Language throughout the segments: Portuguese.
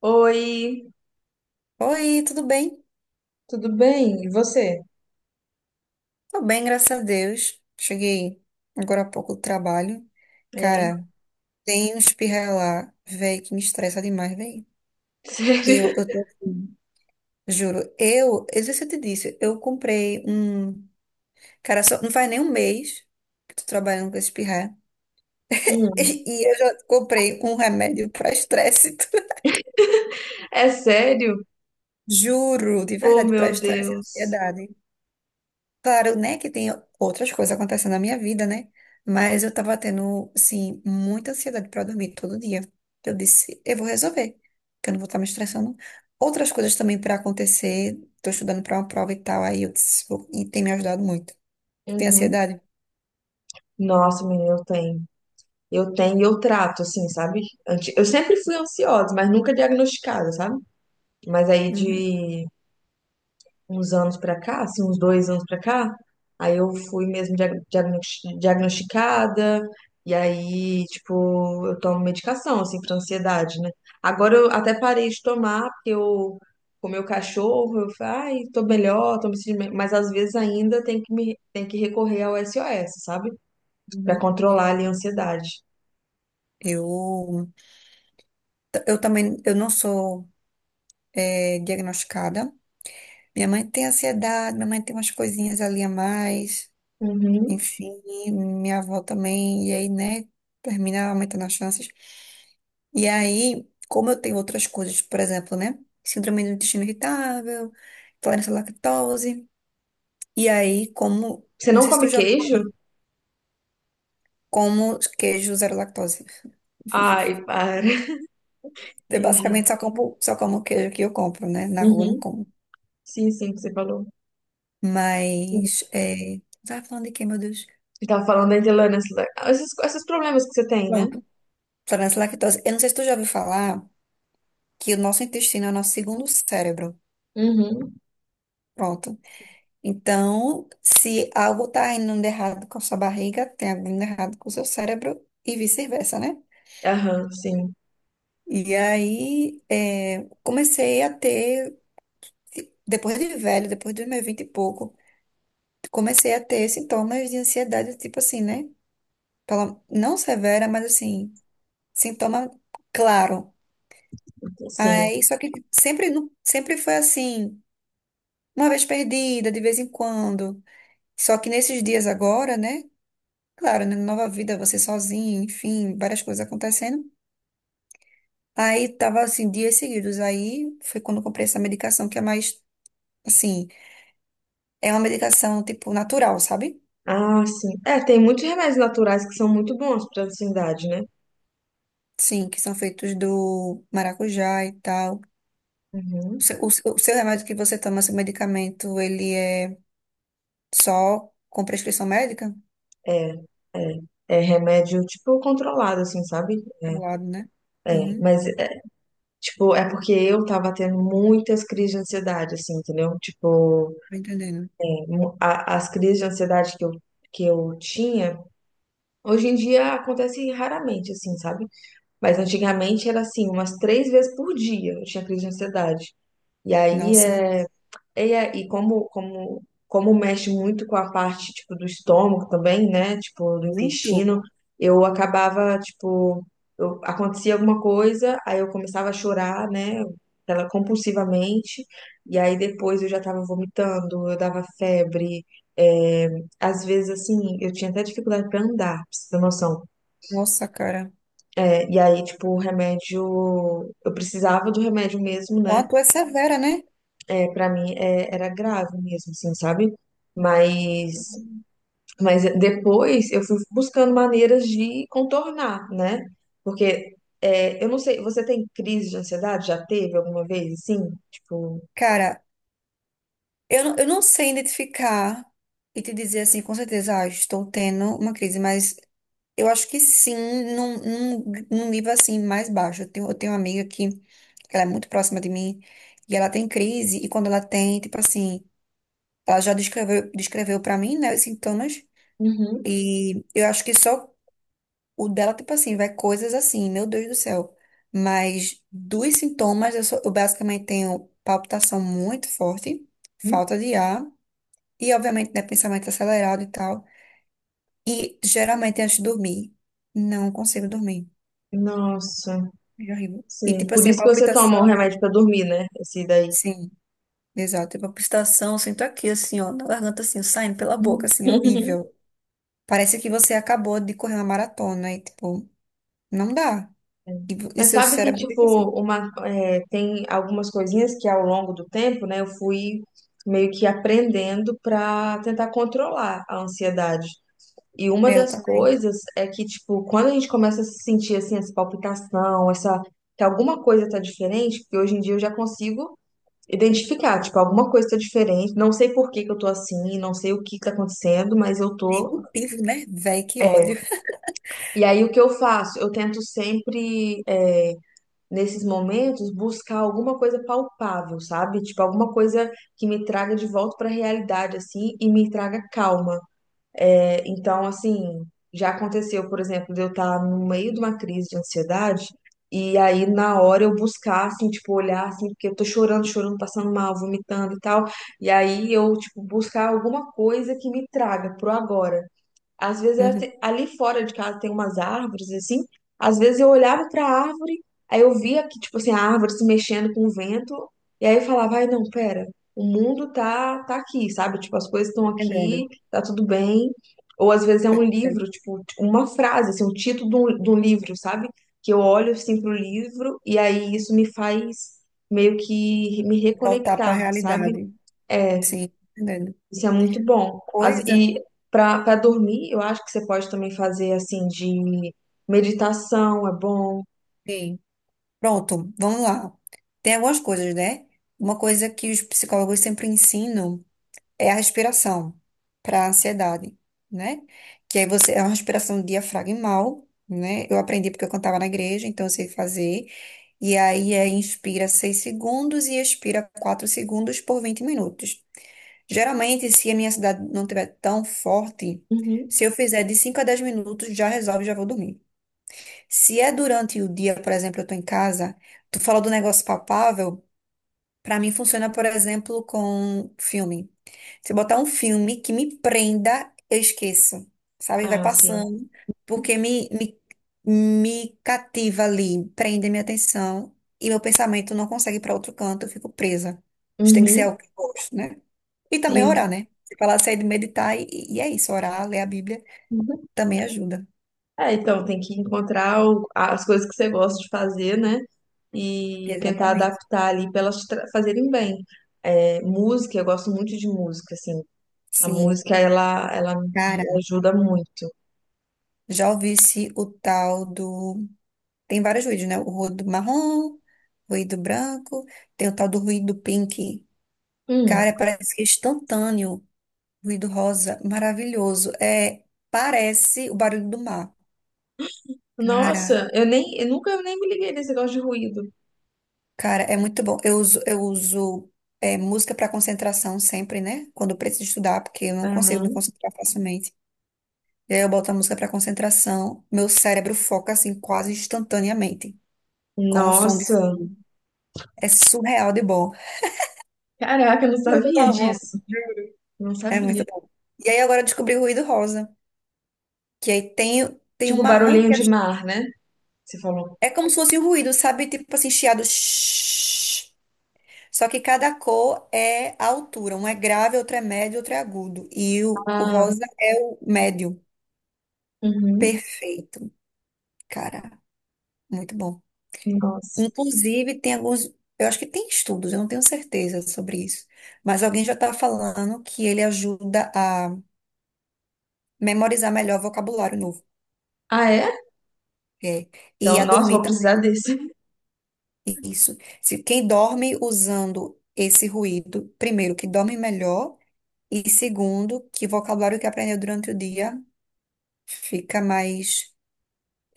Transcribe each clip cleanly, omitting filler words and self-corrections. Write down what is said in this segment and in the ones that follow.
Oi, Oi, tudo bem? tudo bem? E você? Tô bem, graças a Deus. Cheguei agora há pouco do trabalho. É. Cara, tem um espirra lá, velho, que me estressa demais, velho. Eu, Sério? eu tô assim, juro. Eu não sei se eu te disse, eu comprei um. Cara, só, não faz nem um mês que tô trabalhando com esse espirra. Hum. E eu já comprei um remédio pra estresse. É sério? Juro, de Oh, verdade, pra meu estresse e Deus. ansiedade. Claro, né, que tem outras coisas acontecendo na minha vida, né? Mas eu tava tendo, assim, muita ansiedade pra dormir todo dia. Eu disse, eu vou resolver, que eu não vou estar me estressando. Outras coisas também pra acontecer, tô estudando pra uma prova e tal, aí eu disse, e tem me ajudado muito. Tu tem Uhum. ansiedade? Nossa, menina, eu tenho. Eu tenho e eu trato, assim, sabe? Eu sempre fui ansiosa, mas nunca diagnosticada, sabe? Mas aí Uhum. de uns anos pra cá, assim, uns 2 anos pra cá, aí eu fui mesmo diagnosticada, e aí, tipo, eu tomo medicação, assim, pra ansiedade, né? Agora eu até parei de tomar, porque eu comi o cachorro, eu falei, ai, tô melhor, tô me sentindo melhor", mas às vezes ainda tem que recorrer ao SOS, sabe? Pra Uhum. controlar ali a ansiedade. Eu, eu também, eu não sou diagnosticada. Minha mãe tem ansiedade, minha mãe tem umas coisinhas ali a mais. Uhum. Enfim, e minha avó também, e aí, né, termina aumentando as chances. E aí, como eu tenho outras coisas, por exemplo, né, síndrome do intestino irritável, intolerância à lactose, e aí, como, Você não não sei se tu come já queijo? como queijo zero lactose. Ai, para. Eu Entendi. basicamente só como queijo que eu compro, né, na rua eu não Uhum. como. Sim, sim, que você falou. Mas, é... Tava falando de quê, meu Deus? Eu tava falando da Indiana, esses problemas que você tem, né? Pronto, intolerância à lactose. Eu não sei se tu já ouviu falar que o nosso intestino é o nosso segundo cérebro. Uhum. Pronto. Então, se algo está indo de errado com a sua barriga, tem algo indo errado com o seu cérebro e vice-versa, né? Aham, sim, E aí, comecei a ter, depois de velho, depois dos meus vinte e pouco, comecei a ter sintomas de ansiedade, tipo assim, né? Não severa, mas assim, sintoma claro. sim. Aí, só que sempre, sempre foi assim, uma vez perdida, de vez em quando. Só que nesses dias agora, né? Claro, né? Nova vida, você sozinho, enfim, várias coisas acontecendo. Aí tava assim, dias seguidos. Aí foi quando eu comprei essa medicação que é mais, assim, é uma medicação tipo natural, sabe? Ah, sim. É, tem muitos remédios naturais que são muito bons pra ansiedade, né? Sim, que são feitos do maracujá e tal. O Uhum. seu, o seu o seu remédio que você toma, seu medicamento, ele é só com prescrição médica? É, é. É remédio, tipo, controlado, assim, sabe? Claro, né? É, Uhum, mas, é, tipo, é porque eu tava tendo muitas crises de ansiedade, assim, entendeu? Tipo, tô entendendo. As crises de ansiedade que eu tinha, hoje em dia acontecem raramente, assim, sabe? Mas antigamente era assim, umas três vezes por dia eu tinha crise de ansiedade. E aí Nossa, e como mexe muito com a parte tipo do estômago também, né? Tipo, do muito. intestino, eu acabava, tipo, acontecia alguma coisa, aí eu começava a chorar, né? Ela compulsivamente, e aí depois eu já tava vomitando, eu dava febre, é, às vezes assim, eu tinha até dificuldade para andar, pra você ter noção. Nossa, cara. É, e aí, tipo, o remédio, eu precisava do remédio mesmo, né? Não, tu é severa, né? É, para mim era grave mesmo, assim, sabe? Mas, Uhum. mas depois eu fui buscando maneiras de contornar, né? Porque eu não sei, você tem crise de ansiedade? Já teve alguma vez, assim? Tipo, Cara, eu não sei identificar e te dizer assim, com certeza, ah, estou tendo uma crise, mas eu acho que sim, num, num nível assim mais baixo. Eu tenho uma amiga que ela é muito próxima de mim e ela tem crise, e quando ela tem, tipo assim, ela já descreveu para mim, né, os sintomas, Uhum. e eu acho que só o dela, tipo assim, vai coisas assim, meu Deus do céu. Mas dos sintomas, eu basicamente tenho palpitação muito forte, falta de ar. E, obviamente, né, pensamento acelerado e tal. E, geralmente, antes de dormir, não consigo dormir. Nossa, É horrível. E, sim. tipo Por assim, isso que você toma o palpitação. remédio pra dormir, né? Esse daí. Sim, exato. Tipo, palpitação, eu sinto aqui, assim, ó, na garganta, assim, saindo pela boca, assim, é horrível. Parece que você acabou de correr uma maratona e, tipo, não dá. E, e Mas seu sabe que, cérebro tipo, fica assim. Tem algumas coisinhas que ao longo do tempo, né, eu fui meio que aprendendo pra tentar controlar a ansiedade. E uma É, eu das também. coisas é que, tipo, quando a gente começa a se sentir, assim, essa palpitação, essa, que alguma coisa tá diferente, porque hoje em dia eu já consigo identificar, tipo, alguma coisa tá diferente, não sei por que que eu tô assim, não sei o que que tá acontecendo, mas eu tô. Executivo, né? Véi, que ódio. E aí o que eu faço? Eu tento sempre nesses momentos, buscar alguma coisa palpável, sabe? Tipo, alguma coisa que me traga de volta para a realidade, assim, e me traga calma. É, então, assim, já aconteceu, por exemplo, de eu estar no meio de uma crise de ansiedade. E aí, na hora, eu buscar, assim, tipo, olhar, assim, porque eu tô chorando, chorando, passando mal, vomitando e tal. E aí, eu, tipo, buscar alguma coisa que me traga pro agora. Às vezes Uhum, ali fora de casa tem umas árvores assim. Às vezes eu olhava para a árvore, aí eu via que tipo assim a árvore se mexendo com o vento, e aí eu falava, ai não, pera, o mundo tá aqui, sabe? Tipo as coisas estão tô entendendo. aqui, tá tudo bem. Ou às vezes é Tô um entendendo. livro, tipo uma frase, assim, um título de um livro, sabe? Que eu olho assim pro livro e aí isso me faz meio que me Voltar pra reconectar, sabe? realidade. É, Sim, tô entendendo. isso é muito bom. Coisa. E para dormir, eu acho que você pode também fazer assim de meditação, é bom. Sim. Pronto, vamos lá. Tem algumas coisas, né? Uma coisa que os psicólogos sempre ensinam é a respiração para a ansiedade, né? Que aí você é uma respiração diafragmal, né? Eu aprendi porque eu cantava na igreja, então eu sei fazer. E aí é inspira 6 segundos e expira 4 segundos por 20 minutos. Geralmente, se a minha ansiedade não estiver tão forte, Uhum. se eu fizer de 5 a 10 minutos, já resolve, já vou dormir. Se é durante o dia, por exemplo, eu tô em casa, tu falou do negócio palpável, pra mim funciona, por exemplo, com filme. Se eu botar um filme que me prenda, eu esqueço, sabe? Vai Ah, sim. passando, porque me cativa ali, prende minha atenção e meu pensamento não consegue ir pra outro canto, eu fico presa. Isso tem que ser Uhum. algo que eu gosto, né? E também Sim. orar, né? Você falar, sair de meditar e é isso, orar, ler a Bíblia Uhum. também ajuda. É, então tem que encontrar as coisas que você gosta de fazer, né? E tentar Exatamente. adaptar ali para elas fazerem bem. É, música, eu gosto muito de música, assim. A Sim. música, ela me Cara, ajuda muito. já ouvisse o tal do. Tem vários ruídos, né? O ruído marrom, ruído branco, tem o tal do ruído pink. Cara, Hum. parece que é instantâneo. Ruído rosa, maravilhoso. É, parece o barulho do mar. Cara, Nossa, eu nunca nem me liguei nesse negócio de ruído. cara, é muito bom. Eu uso música para concentração sempre, né? Quando eu preciso estudar, porque eu não consigo me Aham. concentrar facilmente. E aí eu boto a música para concentração, meu cérebro foca assim quase instantaneamente, com o som de Nossa. fundo. É surreal de bom. Caraca, eu não Eu sabia amo. disso. Não É sabia. muito bom. E aí agora eu descobri o ruído rosa, que aí tem um Tipo marrom barulhinho que é de mar, né? Você falou. Como se fosse um ruído, sabe? Tipo assim, chiado. Shhh. Só que cada cor é a altura. Um é grave, outro é médio, outro é agudo. E o Ah, rosa é o médio. uhum. Perfeito. Cara, muito bom. Nossa. Inclusive, tem alguns. Eu acho que tem estudos, eu não tenho certeza sobre isso. Mas alguém já está falando que ele ajuda a memorizar melhor vocabulário novo. Ah, é? É. E Então, a nossa, dormir vou também. precisar desse. Isso. Se quem dorme usando esse ruído, primeiro, que dorme melhor, e segundo, que o vocabulário que aprendeu durante o dia fica mais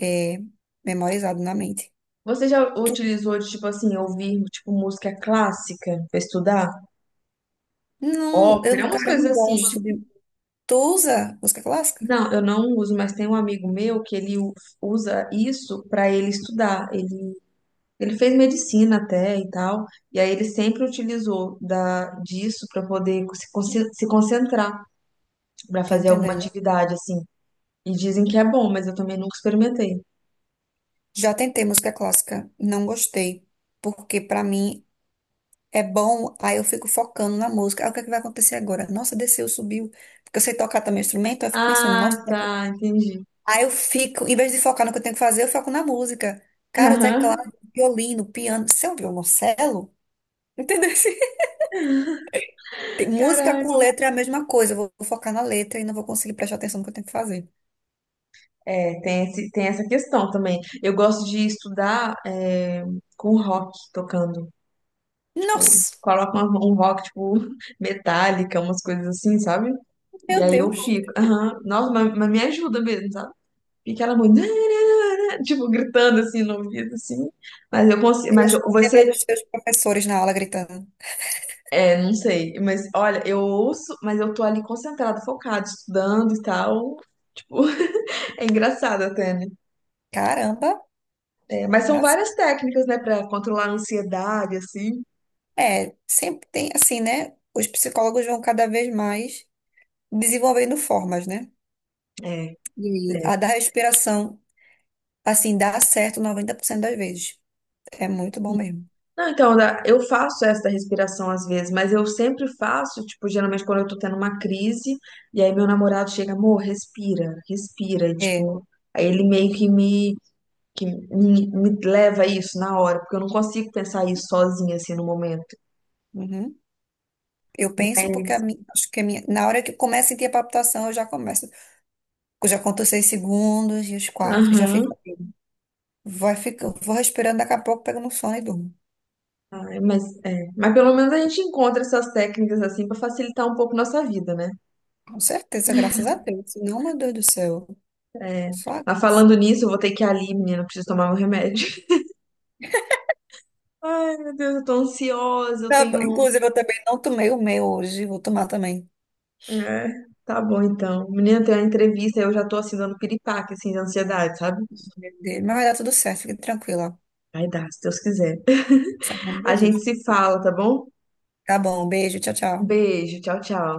é, memorizado na mente. Você já Tu, utilizou de, tipo assim, ouvir, tipo, música clássica pra estudar? não, eu, Ópera, no umas cara, coisas não assim, gosto tipo. de. Tu usa música clássica? Não, eu não uso, mas tem um amigo meu que ele usa isso pra ele estudar. Ele fez medicina até e tal, e aí ele sempre utilizou disso pra poder se concentrar. Pra Tô fazer alguma entendendo. atividade, assim. E dizem que é bom, mas eu também nunca experimentei. Já tentei música clássica, não gostei, porque pra mim é bom, aí eu fico focando na música. Aí o que é que vai acontecer agora? Nossa, desceu, subiu. Porque eu sei tocar também instrumento, aí eu fico pensando, nossa, Ah, tá, entendi. aí eu fico, em vez de focar no que eu tenho que fazer, eu foco na música. Cara, o teclado, Aham. o violino, o piano. Isso é um violoncelo? Entendeu? Música com Caraca. letra é a mesma coisa. Eu vou focar na letra e não vou conseguir prestar atenção no que eu tenho que fazer. É, tem essa questão também. Eu gosto de estudar com rock tocando. Tipo, Nossa, coloca um rock, tipo, metálica, umas coisas assim, sabe? E meu aí eu Deus. fico, aham, nossa, mas me ajuda mesmo, sabe? Fica ela muito, tipo, gritando assim no ouvido, assim. Mas eu consigo, Eu mas acho eu- que lembrei você dos seus professores na aula gritando. É, não sei, mas olha, eu ouço, mas eu tô ali concentrada, focada, estudando e tal. Tipo, é engraçado até, né? Caramba, É, mas são arrasou. várias técnicas, né, pra controlar a ansiedade, assim. É, sempre tem assim, né? Os psicólogos vão cada vez mais desenvolvendo formas, né? É, E é. a da respiração, assim, dá certo 90% das vezes. É muito bom mesmo. Não, então, eu faço essa respiração às vezes, mas eu sempre faço, tipo, geralmente quando eu tô tendo uma crise, e aí meu namorado chega, amor, respira, respira, e, É, tipo, aí ele meio que me leva a isso na hora, porque eu não consigo pensar isso sozinha, assim, no momento. uhum. Eu penso porque a minha, acho que a minha, na hora que começa a sentir a palpitação, eu já começo. Eu já conto os 6 segundos e os quatro, já fica. Aham. Vai ficar vou respirando, daqui a pouco pego no sono e durmo. Ai, mas, é. Mas pelo menos a gente encontra essas técnicas assim pra facilitar um pouco nossa vida, né? Com certeza, graças a Deus. Senão, meu Deus do céu, É. só a Mas graça. falando nisso, eu vou ter que ir ali, menina, preciso tomar meu remédio. Ai, meu Deus, eu tô ansiosa, eu Tá bom. tenho. Inclusive, eu também não tomei o meu hoje, vou tomar também. É, tá bom então. Menina, tem uma entrevista, eu já tô assim dando piripaque, assim, de ansiedade, sabe? Dele, mas vai dar tudo certo, fique tranquila. Vai dar, se Deus quiser. Certo, em nome de A gente Jesus. se fala, tá bom? Tá bom, beijo, tchau, Um tchau. beijo, tchau, tchau.